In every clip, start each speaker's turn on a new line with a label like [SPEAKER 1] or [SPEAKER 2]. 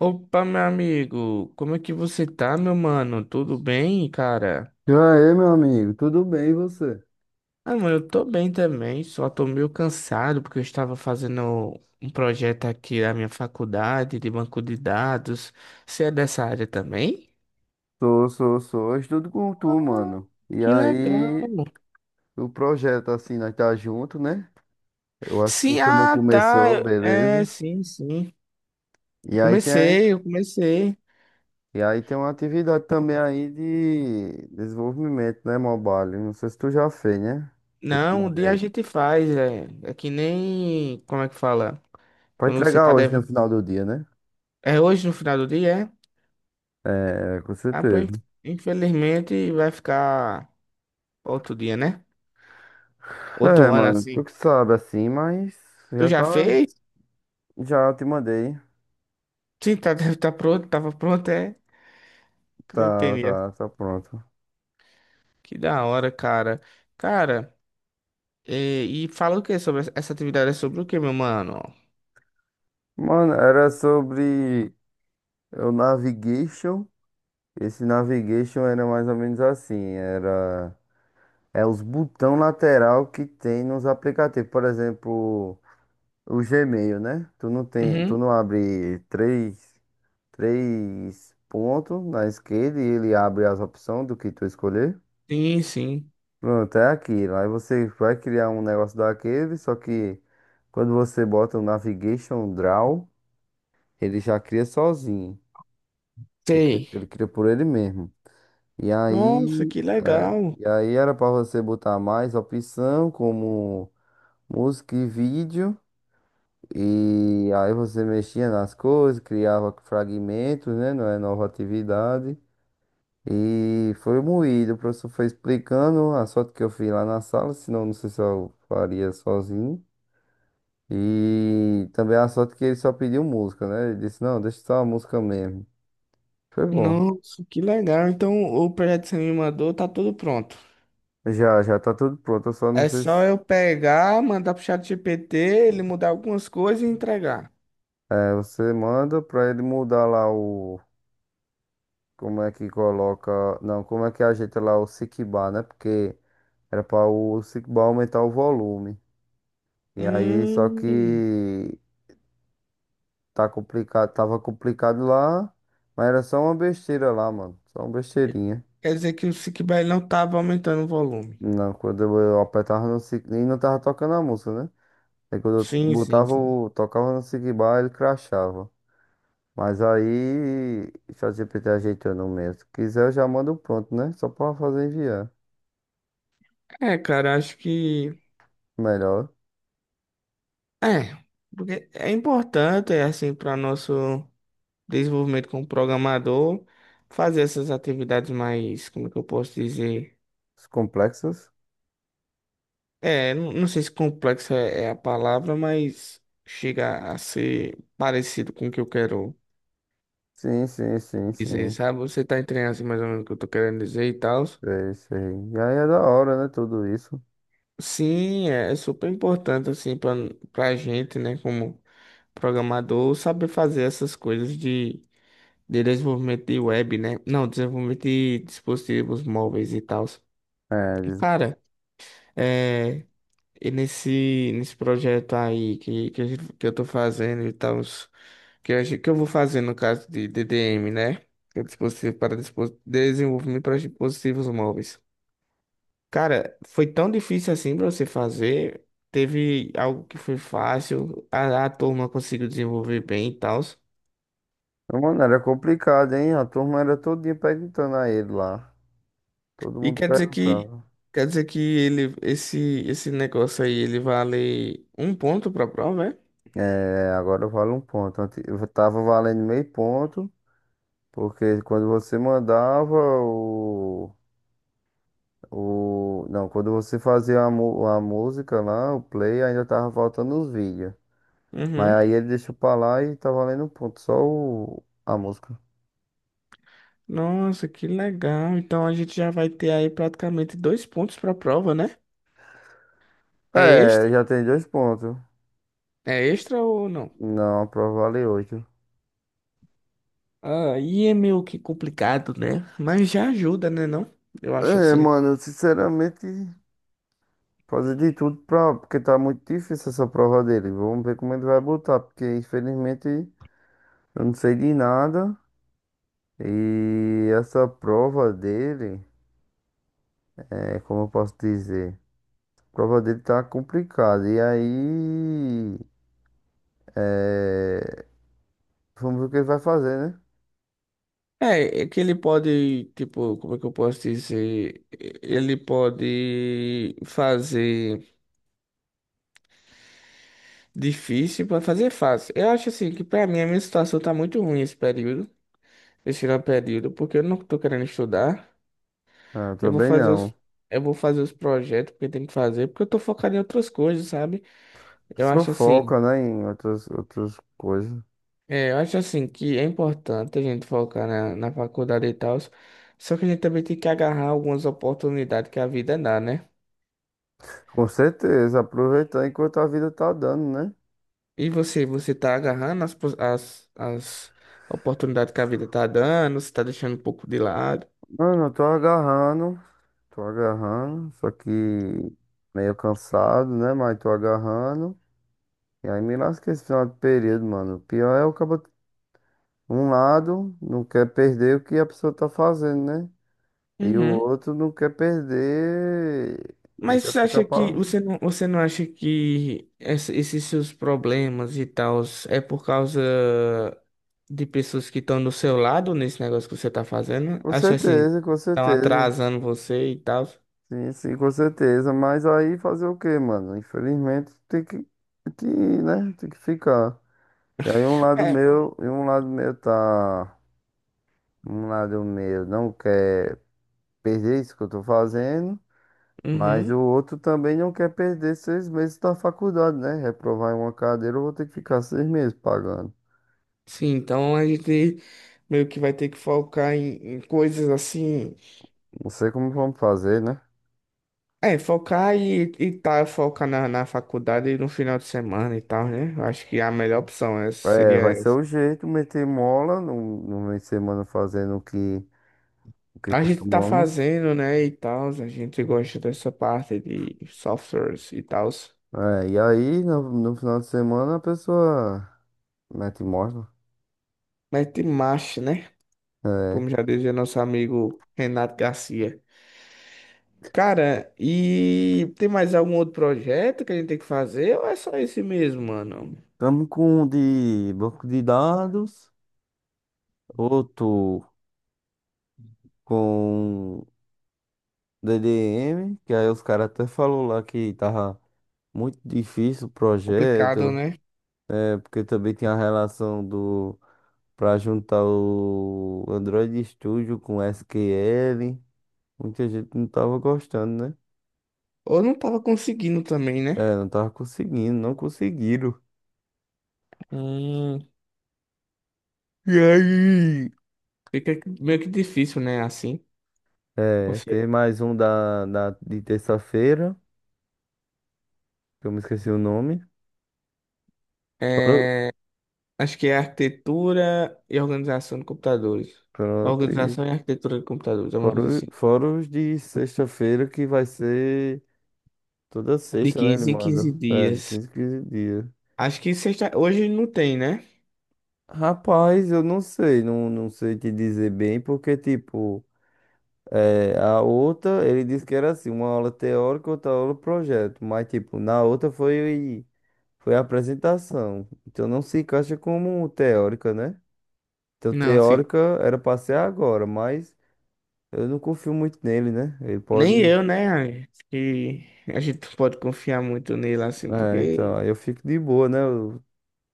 [SPEAKER 1] Opa, meu amigo, como é que você tá, meu mano? Tudo bem, cara?
[SPEAKER 2] E aí, meu amigo, tudo bem e você?
[SPEAKER 1] Ah, mano, eu tô bem também, só tô meio cansado porque eu estava fazendo um projeto aqui da minha faculdade de banco de dados. Você é dessa área também?
[SPEAKER 2] Sou, sou, sou. Eu estudo com tu, mano. E
[SPEAKER 1] Que legal.
[SPEAKER 2] aí, o projeto, assim, nós tá junto, né? Eu acho que
[SPEAKER 1] Sim,
[SPEAKER 2] tu não
[SPEAKER 1] ah, tá.
[SPEAKER 2] começou, beleza?
[SPEAKER 1] É, sim, sim.
[SPEAKER 2] E aí tem,
[SPEAKER 1] Eu comecei.
[SPEAKER 2] e aí tem uma atividade também aí de desenvolvimento, né, mobile? Não sei se tu já fez, né? Que eu te
[SPEAKER 1] Não, um dia a
[SPEAKER 2] mandei.
[SPEAKER 1] gente faz, é que nem, como é que fala?
[SPEAKER 2] Pra
[SPEAKER 1] Quando você
[SPEAKER 2] entregar
[SPEAKER 1] tá
[SPEAKER 2] hoje, no
[SPEAKER 1] devendo.
[SPEAKER 2] final do dia, né?
[SPEAKER 1] É hoje no final do dia, é?
[SPEAKER 2] É, com
[SPEAKER 1] Ah, pô,
[SPEAKER 2] certeza.
[SPEAKER 1] infelizmente vai ficar outro dia, né?
[SPEAKER 2] É,
[SPEAKER 1] Outro ano
[SPEAKER 2] mano, tu
[SPEAKER 1] assim.
[SPEAKER 2] que sabe, assim, mas
[SPEAKER 1] Tu
[SPEAKER 2] já
[SPEAKER 1] já
[SPEAKER 2] tá,
[SPEAKER 1] fez?
[SPEAKER 2] já te mandei.
[SPEAKER 1] Sim, tá, deve estar pronto, tava pronto, é. Que não
[SPEAKER 2] Tá,
[SPEAKER 1] entendi.
[SPEAKER 2] tá, tá pronto.
[SPEAKER 1] Que da hora, cara. Cara, e fala o que sobre essa atividade? É sobre o que, meu mano?
[SPEAKER 2] Mano, era sobre o navigation. Esse navigation era mais ou menos assim, era os botão lateral que tem nos aplicativos, por exemplo, o Gmail, né? Tu
[SPEAKER 1] Uhum.
[SPEAKER 2] não abre três pontos na esquerda e ele abre as opções do que tu escolher.
[SPEAKER 1] Sim, sim.
[SPEAKER 2] Pronto, é aquilo. Aí você vai criar um negócio daquele, só que quando você bota o navigation draw, ele já cria sozinho.
[SPEAKER 1] Sei.
[SPEAKER 2] Ele cria por ele mesmo. E
[SPEAKER 1] Nossa,
[SPEAKER 2] aí,
[SPEAKER 1] que legal.
[SPEAKER 2] e aí era para você botar mais opção, como música e vídeo. E aí você mexia nas coisas, criava fragmentos, né? Não é nova atividade. E foi moído. O professor foi explicando a sorte que eu fiz lá na sala, senão não sei se eu faria sozinho. E também a sorte que ele só pediu música, né? Ele disse, não, deixa só a música mesmo. Foi bom.
[SPEAKER 1] Nossa, que legal. Então, o projeto que você me mandou tá tudo pronto.
[SPEAKER 2] Já, já tá tudo pronto. Eu só não
[SPEAKER 1] É
[SPEAKER 2] sei
[SPEAKER 1] só
[SPEAKER 2] se
[SPEAKER 1] eu pegar, mandar pro chat GPT, ele mudar algumas coisas e entregar.
[SPEAKER 2] você manda pra ele mudar lá o. Como é que coloca. Não, como é que ajeita lá o sick bar, né? Porque era pra o sick bar aumentar o volume. E aí, só
[SPEAKER 1] Hum.
[SPEAKER 2] que. Tá complicado. Tava complicado lá. Mas era só uma besteira lá, mano. Só uma besteirinha.
[SPEAKER 1] Quer dizer que o Sickbay não estava aumentando o volume.
[SPEAKER 2] Não, quando eu apertava no sick. E não tava tocando a música, né? Aí quando eu
[SPEAKER 1] Sim, sim,
[SPEAKER 2] botava
[SPEAKER 1] sim.
[SPEAKER 2] o. Tocava no sick bar, ele crashava. Mas aí, o ChatGPT ajeitou no meu. Se quiser, eu já mando pronto, né? Só pra fazer enviar.
[SPEAKER 1] É, cara, acho que
[SPEAKER 2] Melhor.
[SPEAKER 1] é, porque é importante, é assim, para nosso desenvolvimento como programador, fazer essas atividades mais, como é que eu posso dizer?
[SPEAKER 2] Os complexos?
[SPEAKER 1] É, não, não sei se complexa é a palavra, mas chega a ser parecido com o que eu quero
[SPEAKER 2] Sim, sim, sim,
[SPEAKER 1] dizer,
[SPEAKER 2] sim.
[SPEAKER 1] sabe? Você tá entendendo assim mais ou menos o que eu tô querendo dizer e tal.
[SPEAKER 2] Sei, sei. E aí é da hora, né? Tudo isso.
[SPEAKER 1] Sim, é super importante assim para gente, né, como programador, saber fazer essas coisas de desenvolvimento de web, né? Não, desenvolvimento de dispositivos móveis e tal.
[SPEAKER 2] É, diz-
[SPEAKER 1] Cara, é, e nesse projeto aí que eu tô fazendo e tal, que eu vou fazer no caso de DDM, né? Que é dispositivo para desenvolvimento para dispositivos móveis. Cara, foi tão difícil assim pra você fazer. Teve algo que foi fácil, a turma conseguiu desenvolver bem e tal.
[SPEAKER 2] mano, era complicado, hein? A turma era todinha perguntando a ele lá. Todo
[SPEAKER 1] E
[SPEAKER 2] mundo
[SPEAKER 1] quer dizer que
[SPEAKER 2] perguntava.
[SPEAKER 1] ele esse negócio aí ele vale um ponto pra prova, é?
[SPEAKER 2] É, agora vale um ponto. Eu tava valendo meio ponto, porque quando você mandava, O... Não, quando você fazia a música lá, o play, ainda tava faltando os vídeos. Mas
[SPEAKER 1] Uhum.
[SPEAKER 2] aí ele deixou pra lá e tá valendo um ponto, só o... a música.
[SPEAKER 1] Nossa, que legal. Então a gente já vai ter aí praticamente dois pontos pra prova, né? É
[SPEAKER 2] É,
[SPEAKER 1] extra?
[SPEAKER 2] já tem dois pontos.
[SPEAKER 1] É extra ou não?
[SPEAKER 2] Não, a prova vale 8.
[SPEAKER 1] Ah, e é meio que complicado, né? Mas já ajuda, né, não? Eu acho
[SPEAKER 2] É,
[SPEAKER 1] assim.
[SPEAKER 2] mano, eu sinceramente, fazer de tudo pra. Porque tá muito difícil essa prova dele. Vamos ver como ele vai botar, porque infelizmente eu não sei de nada. E essa prova dele, como eu posso dizer? A prova dele tá complicada. E aí. É... Vamos ver o que ele vai fazer, né?
[SPEAKER 1] É, é que ele pode, tipo, como é que eu posso dizer? Ele pode fazer difícil, pode fazer fácil. Eu acho assim que pra mim a minha situação tá muito ruim esse período, esse não período, porque eu não tô querendo estudar.
[SPEAKER 2] Ah, eu
[SPEAKER 1] Eu vou
[SPEAKER 2] também
[SPEAKER 1] fazer
[SPEAKER 2] não.
[SPEAKER 1] os, eu vou fazer os projetos que eu tenho que fazer, porque eu tô focado em outras coisas, sabe?
[SPEAKER 2] A
[SPEAKER 1] Eu
[SPEAKER 2] pessoa
[SPEAKER 1] acho assim,
[SPEAKER 2] foca, né, em outras coisas.
[SPEAKER 1] é, eu acho assim que é importante a gente focar na faculdade e tal, só que a gente também tem que agarrar algumas oportunidades que a vida dá, né?
[SPEAKER 2] Com certeza, aproveitar enquanto a vida tá dando, né?
[SPEAKER 1] E você tá agarrando as oportunidades que a vida tá dando, você tá deixando um pouco de lado.
[SPEAKER 2] Mano, eu tô agarrando. Tô agarrando. Só que meio cansado, né? Mas tô agarrando. E aí me lasca esse final de período, mano. O pior é o cabo. Um lado não quer perder o que a pessoa tá fazendo, né? E o
[SPEAKER 1] Uhum.
[SPEAKER 2] outro não quer perder. Não
[SPEAKER 1] Mas
[SPEAKER 2] quer
[SPEAKER 1] você
[SPEAKER 2] ficar
[SPEAKER 1] acha que
[SPEAKER 2] pass...
[SPEAKER 1] você não acha que esses seus problemas e tal é por causa de pessoas que estão do seu lado nesse negócio que você tá fazendo?
[SPEAKER 2] Com
[SPEAKER 1] Acha assim,
[SPEAKER 2] certeza, com
[SPEAKER 1] estão
[SPEAKER 2] certeza.
[SPEAKER 1] atrasando você e tal?
[SPEAKER 2] Sim, sim, com certeza. Mas aí fazer o quê, mano? Infelizmente que, né? Tem que ficar. E aí um lado
[SPEAKER 1] É.
[SPEAKER 2] meu, e um lado meu tá. Um lado meu não quer perder isso que eu tô fazendo. Mas
[SPEAKER 1] Uhum.
[SPEAKER 2] o outro também não quer perder 6 meses da faculdade, né? Reprovar em uma cadeira, eu vou ter que ficar 6 meses pagando.
[SPEAKER 1] Sim, então a gente meio que vai ter que focar em coisas assim.
[SPEAKER 2] Não sei como vamos fazer, né?
[SPEAKER 1] É, focar e tá, focar na faculdade no final de semana e tal, né? Eu acho que a melhor opção
[SPEAKER 2] É,
[SPEAKER 1] seria
[SPEAKER 2] vai ser
[SPEAKER 1] essa.
[SPEAKER 2] o jeito, meter mola no, no meio de semana fazendo o que
[SPEAKER 1] A gente tá
[SPEAKER 2] costumamos.
[SPEAKER 1] fazendo, né, e tal, a gente gosta dessa parte de softwares e tal.
[SPEAKER 2] É, e aí, no, no final de semana, a pessoa mete mola.
[SPEAKER 1] Mas tem marcha, né?
[SPEAKER 2] É.
[SPEAKER 1] Como já dizia nosso amigo Renato Garcia. Cara, e tem mais algum outro projeto que a gente tem que fazer ou é só esse mesmo, mano?
[SPEAKER 2] Estamos com um de banco de dados, outro com DDM, que aí os caras até falou lá que tava muito difícil o
[SPEAKER 1] Complicado,
[SPEAKER 2] projeto,
[SPEAKER 1] né?
[SPEAKER 2] é porque também tem a relação do para juntar o Android Studio com SQL. Muita gente não tava gostando, né?
[SPEAKER 1] Ou não tava conseguindo também, né?
[SPEAKER 2] É, não tava conseguindo, não conseguiram.
[SPEAKER 1] Hum,
[SPEAKER 2] E aí?
[SPEAKER 1] fica meio que difícil, né, assim. Não
[SPEAKER 2] É,
[SPEAKER 1] sei.
[SPEAKER 2] tem mais um de terça-feira, que eu me esqueci o nome. Fora,
[SPEAKER 1] É, acho que é arquitetura e organização de computadores.
[SPEAKER 2] pronto, e
[SPEAKER 1] Organização e arquitetura de computadores, alguma
[SPEAKER 2] fora,
[SPEAKER 1] coisa assim.
[SPEAKER 2] fora os de sexta-feira, que vai ser toda
[SPEAKER 1] De
[SPEAKER 2] sexta, né? Ele
[SPEAKER 1] 15 em
[SPEAKER 2] manda.
[SPEAKER 1] 15
[SPEAKER 2] É, de
[SPEAKER 1] dias.
[SPEAKER 2] 15 15 dias.
[SPEAKER 1] Acho que sexta... hoje não tem, né?
[SPEAKER 2] Rapaz, eu não sei, não, não sei te dizer bem, porque, tipo, a outra, ele disse que era assim, uma aula teórica, outra aula projeto. Mas, tipo, na outra foi. Foi a apresentação. Então não se encaixa como teórica, né? Então
[SPEAKER 1] Não, se...
[SPEAKER 2] teórica era pra ser agora, mas eu não confio muito nele, né? Ele
[SPEAKER 1] nem
[SPEAKER 2] pode.
[SPEAKER 1] eu, né? Acho que a gente não pode confiar muito nele, assim,
[SPEAKER 2] É, então,
[SPEAKER 1] porque
[SPEAKER 2] aí eu fico de boa, né?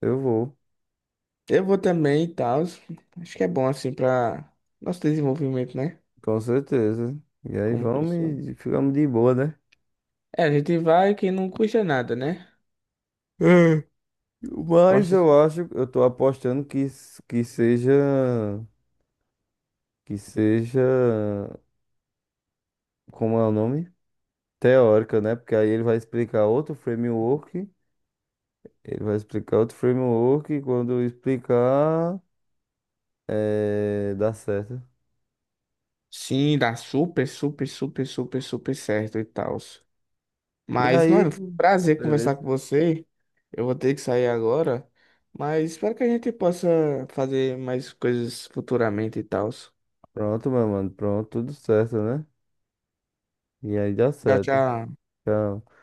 [SPEAKER 2] Eu vou,
[SPEAKER 1] eu vou também e tal. Acho que é bom, assim, para nosso desenvolvimento, né?
[SPEAKER 2] com certeza. E aí
[SPEAKER 1] Como
[SPEAKER 2] vamos
[SPEAKER 1] pessoa.
[SPEAKER 2] e ficamos de boa, né?
[SPEAKER 1] É, a gente vai que não custa nada, né?
[SPEAKER 2] É. Mas
[SPEAKER 1] Gosta.
[SPEAKER 2] eu acho, eu tô apostando que, que seja. Que seja. Como é o nome? Teórica, né? Porque aí ele vai explicar outro framework. Ele vai explicar outro framework e quando eu explicar, dá certo.
[SPEAKER 1] Sim, dá super, super, super, super, super certo e tal.
[SPEAKER 2] E
[SPEAKER 1] Mas,
[SPEAKER 2] aí,
[SPEAKER 1] mano, foi um prazer conversar
[SPEAKER 2] beleza?
[SPEAKER 1] com você. Eu vou ter que sair agora. Mas espero que a gente possa fazer mais coisas futuramente e tal.
[SPEAKER 2] Pronto, meu mano. Pronto, tudo certo, né? E aí dá
[SPEAKER 1] Tchau,
[SPEAKER 2] certo.
[SPEAKER 1] tchau.
[SPEAKER 2] Tchau.